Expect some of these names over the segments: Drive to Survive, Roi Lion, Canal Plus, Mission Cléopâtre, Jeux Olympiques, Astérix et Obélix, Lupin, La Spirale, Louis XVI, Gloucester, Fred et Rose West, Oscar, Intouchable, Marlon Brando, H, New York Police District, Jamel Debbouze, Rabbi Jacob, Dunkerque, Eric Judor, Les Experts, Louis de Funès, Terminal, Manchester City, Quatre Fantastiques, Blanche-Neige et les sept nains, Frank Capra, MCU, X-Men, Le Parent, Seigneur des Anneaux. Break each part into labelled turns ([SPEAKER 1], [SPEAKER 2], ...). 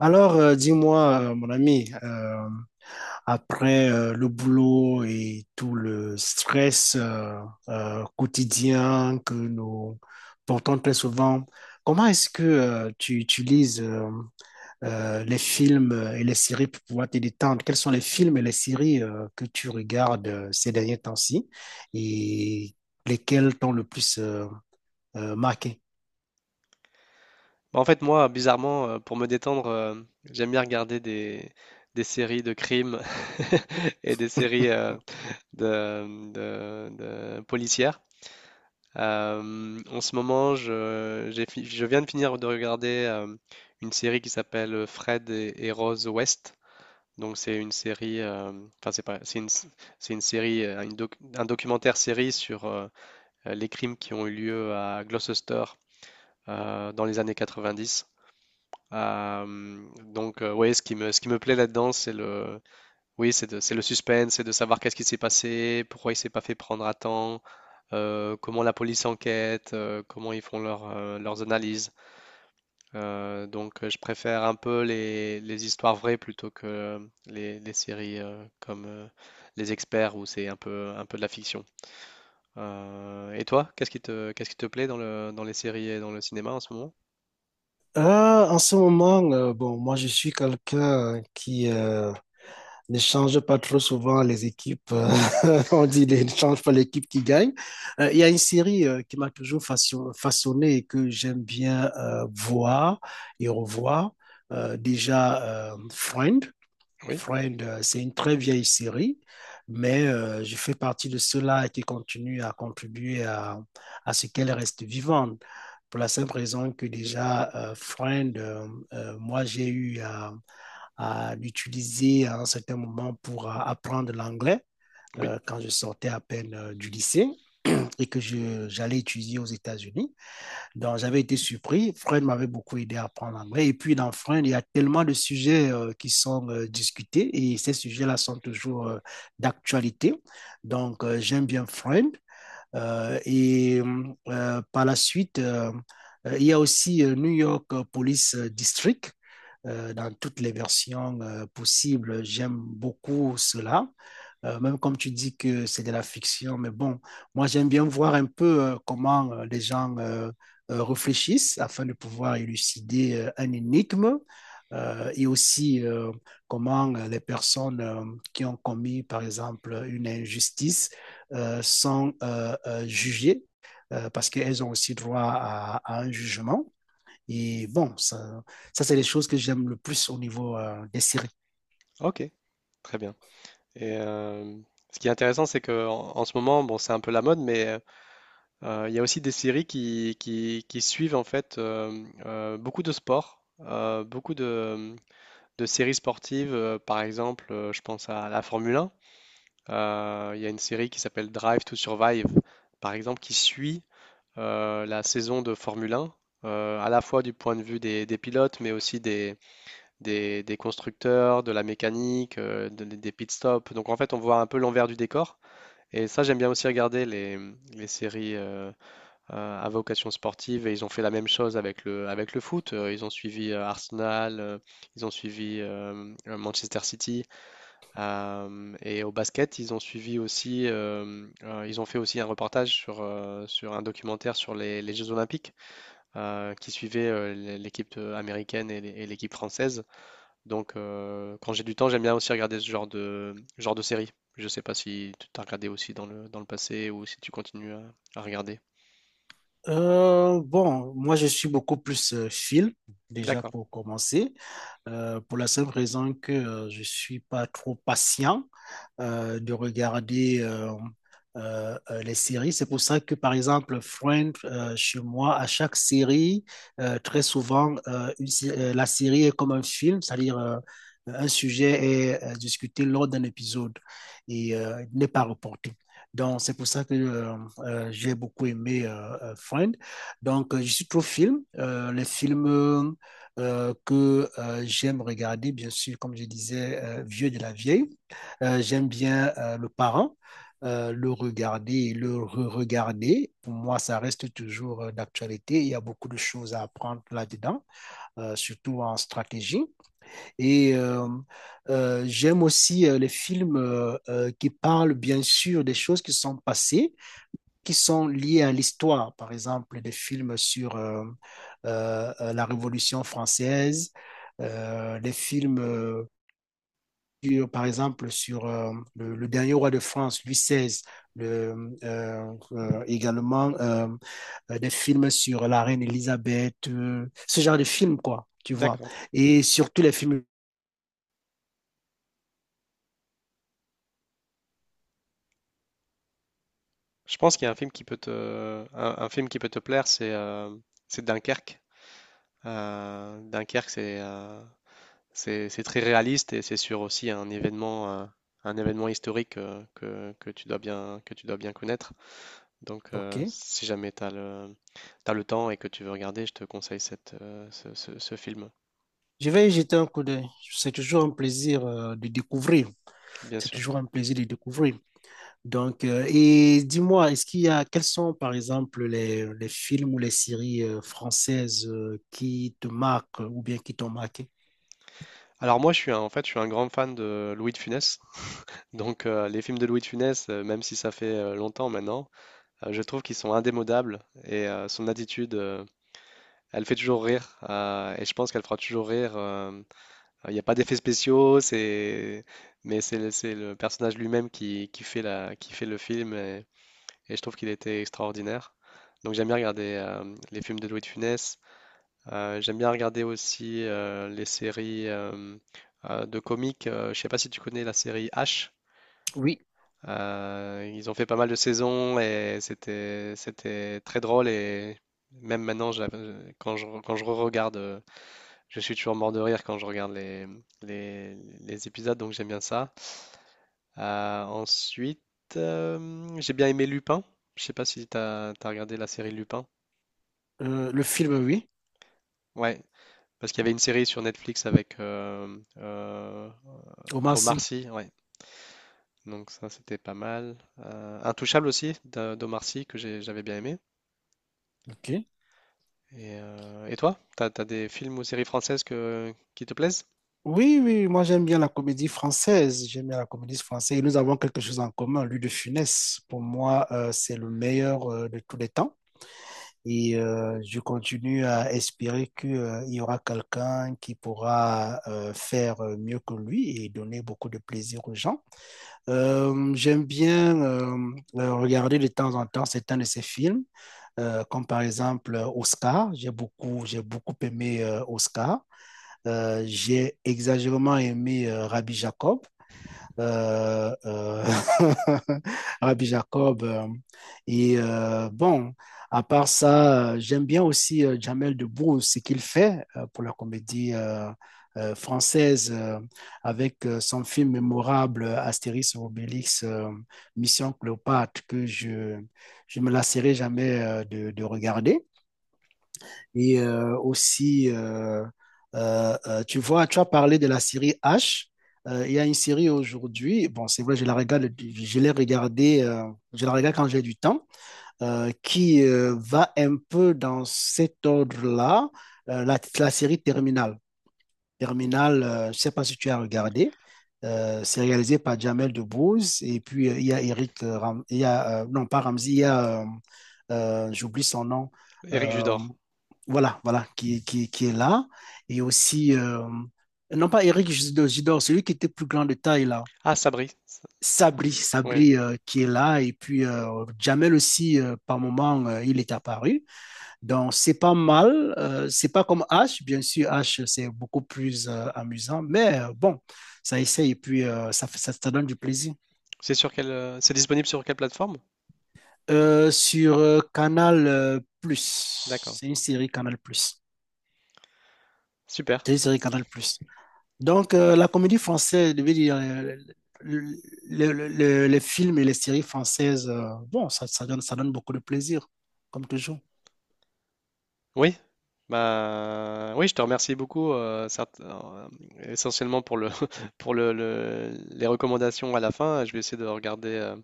[SPEAKER 1] Alors, dis-moi, mon ami, après le boulot et tout le stress quotidien que nous portons très souvent, comment est-ce que tu utilises les films et les séries pour pouvoir te détendre? Quels sont les films et les séries que tu regardes ces derniers temps-ci et lesquels t'ont le plus marqué?
[SPEAKER 2] En fait, moi, bizarrement, pour me détendre, j'aime bien regarder des séries de crimes et des séries de, de- de policières. En ce moment, je viens de finir de regarder une série qui s'appelle Fred et Rose West. Donc, c'est une série, enfin, c'est pas, c'est une série, une un documentaire série sur les crimes qui ont eu lieu à Gloucester dans les années 90. Euh, ouais, ce qui me plaît là-dedans, oui, c'est le suspense, c'est de savoir qu'est-ce qui s'est passé, pourquoi il s'est pas fait prendre à temps, comment la police enquête, comment ils font leurs analyses. Je préfère un peu les histoires vraies plutôt que les séries comme Les Experts où c'est un peu de la fiction. Et toi, qu'est-ce qui te plaît dans dans les séries et dans le cinéma en ce moment?
[SPEAKER 1] En ce moment, bon, moi je suis quelqu'un qui ne change pas trop souvent les équipes. On dit ne change pas l'équipe qui gagne. Il y a une série qui m'a toujours façonné et que j'aime bien voir et revoir. Déjà, Friend.
[SPEAKER 2] Oui,
[SPEAKER 1] Friend, c'est une très vieille série, mais je fais partie de ceux-là qui continuent à contribuer à ce qu'elle reste vivante pour la simple raison que déjà, Friend, moi, j'ai eu à l'utiliser à un certain moment pour apprendre l'anglais
[SPEAKER 2] oui,
[SPEAKER 1] quand je sortais à peine du lycée et que j'allais étudier aux États-Unis. Donc, j'avais été surpris. Friend m'avait beaucoup aidé à apprendre l'anglais. Et puis, dans Friend, il y a tellement de sujets qui sont discutés et ces sujets-là sont toujours d'actualité. Donc, j'aime bien Friend. Et par la suite, il y a aussi New York Police District dans toutes les versions possibles. J'aime beaucoup cela. Même comme tu dis que c'est de la fiction, mais bon, moi j'aime bien voir un peu comment les gens réfléchissent afin de pouvoir élucider un énigme et aussi comment les personnes qui ont commis, par exemple, une injustice sont jugées parce qu'elles ont aussi droit à un jugement. Et bon, ça c'est les choses que j'aime le plus au niveau des séries.
[SPEAKER 2] ok, très bien. Et ce qui est intéressant, c'est que en ce moment, bon, c'est un peu la mode, mais il y a aussi des séries qui suivent en fait beaucoup de sports, de séries sportives. Par exemple, je pense à la Formule 1. Il y a une série qui s'appelle Drive to Survive, par exemple, qui suit la saison de Formule 1. À la fois du point de vue des pilotes, mais aussi des constructeurs, de la mécanique, des pit stops. Donc en fait, on voit un peu l'envers du décor. Et ça, j'aime bien aussi regarder les séries à vocation sportive. Et ils ont fait la même chose avec avec le foot. Ils ont suivi Arsenal, ils ont suivi Manchester City. Et au basket, ils ont suivi aussi. Ils ont fait aussi un reportage sur un documentaire sur les Jeux Olympiques qui suivait l'équipe américaine et et l'équipe française. Donc, quand j'ai du temps, j'aime bien aussi regarder ce genre de série. Je sais pas si tu t'as regardé aussi dans dans le passé ou si tu continues à regarder.
[SPEAKER 1] Bon, moi je suis beaucoup plus film, déjà
[SPEAKER 2] D'accord,
[SPEAKER 1] pour commencer, pour la simple raison que je suis pas trop patient de regarder les séries. C'est pour ça que, par exemple, Friends, chez moi, à chaque série, très souvent, la série est comme un film, c'est-à-dire un sujet est discuté lors d'un épisode et il n'est pas reporté. Donc, c'est pour ça que j'ai beaucoup aimé Friend. Donc, je suis trop film. Les films que j'aime regarder, bien sûr, comme je disais, Vieux de la vieille. J'aime bien Le Parent, le regarder et le re-regarder. Pour moi, ça reste toujours d'actualité. Il y a beaucoup de choses à apprendre là-dedans, surtout en stratégie. Et j'aime aussi les films qui parlent bien sûr des choses qui sont passées, qui sont liées à l'histoire. Par exemple, des films sur la Révolution française, des films sur, par exemple sur le dernier roi de France, Louis XVI, également des films sur la reine Elisabeth, ce genre de films, quoi, tu vois.
[SPEAKER 2] d'accord.
[SPEAKER 1] Et surtout les films.
[SPEAKER 2] Je pense qu'il y a un film qui peut un film qui peut te plaire, c'est Dunkerque. Dunkerque, c'est très réaliste et c'est sur aussi un événement historique que tu dois bien, que tu dois bien connaître. Donc,
[SPEAKER 1] OK.
[SPEAKER 2] si jamais t'as le temps et que tu veux regarder, je te conseille cette, ce film.
[SPEAKER 1] Je vais y jeter un coup d'œil. C'est toujours un plaisir de découvrir.
[SPEAKER 2] Bien
[SPEAKER 1] C'est
[SPEAKER 2] sûr.
[SPEAKER 1] toujours un plaisir de découvrir. Donc, et dis-moi, est-ce qu'il y a, quels sont, par exemple, les films ou les séries françaises qui te marquent ou bien qui t'ont marqué?
[SPEAKER 2] Alors moi, je suis un grand fan de Louis de Funès. Donc les films de Louis de Funès, même si ça fait longtemps maintenant, je trouve qu'ils sont indémodables et son attitude, elle fait toujours rire et je pense qu'elle fera toujours rire. Il n'y a pas d'effets spéciaux, c'est mais c'est le personnage lui-même qui fait le film et je trouve qu'il était extraordinaire. Donc j'aime bien regarder les films de Louis de Funès. J'aime bien regarder aussi les séries de comiques. Je sais pas si tu connais la série H.
[SPEAKER 1] Oui,
[SPEAKER 2] Ils ont fait pas mal de saisons et c'était très drôle et même maintenant quand je regarde je suis toujours mort de rire quand je regarde les, les épisodes donc j'aime bien ça. Ensuite, j'ai bien aimé Lupin. Je sais pas si t'as regardé la série Lupin.
[SPEAKER 1] Le film, oui.
[SPEAKER 2] Ouais, parce qu'il y avait une série sur Netflix avec
[SPEAKER 1] Omar
[SPEAKER 2] Omar
[SPEAKER 1] Sy.
[SPEAKER 2] Sy, ouais. Donc ça, c'était pas mal. Intouchable aussi, d'Omar Sy, j'avais bien aimé.
[SPEAKER 1] Ok.
[SPEAKER 2] Et toi, t'as des films ou séries françaises qui te plaisent?
[SPEAKER 1] Oui, oui, moi j'aime bien la comédie française. J'aime bien la comédie française. Et nous avons quelque chose en commun. Louis de Funès, pour moi, c'est le meilleur de tous les temps. Et je continue à espérer qu'il y aura quelqu'un qui pourra faire mieux que lui et donner beaucoup de plaisir aux gens. J'aime bien regarder de temps en temps certains de ses films, comme par exemple Oscar. J'ai beaucoup aimé Oscar. J'ai exagérément aimé Rabbi Jacob euh, euh, Rabbi Jacob. Et bon, à part ça, j'aime bien aussi Jamel Debbouze, ce qu'il fait pour la comédie française avec son film mémorable Astérix et Obélix, Mission Cléopâtre, que je me lasserai jamais de, regarder. Et aussi, tu vois, tu as parlé de la série H. Il y a une série aujourd'hui, bon, c'est vrai, je la regarde, je l'ai regardée, je la regarde quand j'ai du temps, qui va un peu dans cet ordre-là, la série Terminal. Terminal, je ne sais pas si tu as regardé, c'est réalisé par Jamel Debbouze, et puis il y a Eric, il y a, non pas Ramzi, il y a, j'oublie son nom,
[SPEAKER 2] Éric
[SPEAKER 1] euh,
[SPEAKER 2] Judor.
[SPEAKER 1] voilà, voilà, qui est là. Et aussi, non pas Eric Judor, Judor, celui qui était plus grand de taille là.
[SPEAKER 2] Ah, Sabri.
[SPEAKER 1] Sabri,
[SPEAKER 2] Oui.
[SPEAKER 1] Sabri qui est là. Et puis Jamel aussi, par moment, il est apparu. Donc, c'est pas mal. C'est pas comme H. Bien sûr, H, c'est beaucoup plus amusant. Mais bon, ça essaye et puis ça donne du plaisir.
[SPEAKER 2] C'est sur quelle, c'est disponible sur quelle plateforme?
[SPEAKER 1] Sur Canal Plus,
[SPEAKER 2] D'accord.
[SPEAKER 1] c'est une série Canal Plus.
[SPEAKER 2] Super.
[SPEAKER 1] C'est une série Canal Plus. Donc, la comédie française, je veux dire, le- le- le- les films et les séries françaises, bon, ça, ça donne beaucoup de plaisir, comme toujours.
[SPEAKER 2] Oui. Bah, oui, je te remercie beaucoup, essentiellement pour pour les recommandations à la fin. Je vais essayer de regarder euh,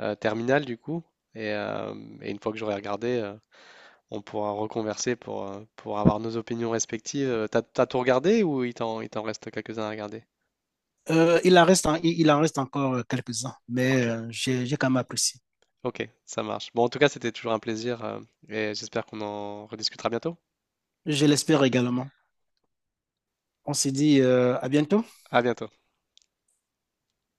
[SPEAKER 2] euh, Terminal du coup. Et, euh, et une fois que j'aurai regardé, on pourra reconverser pour avoir nos opinions respectives. T'as, t'as tout regardé ou il t'en reste quelques-uns à regarder?
[SPEAKER 1] Il en reste, il en reste encore quelques-uns, mais
[SPEAKER 2] Ok,
[SPEAKER 1] j'ai quand même apprécié.
[SPEAKER 2] ok, ça marche. Bon, en tout cas, c'était toujours un plaisir et j'espère qu'on en rediscutera bientôt.
[SPEAKER 1] Je l'espère également. On se dit à bientôt.
[SPEAKER 2] À bientôt.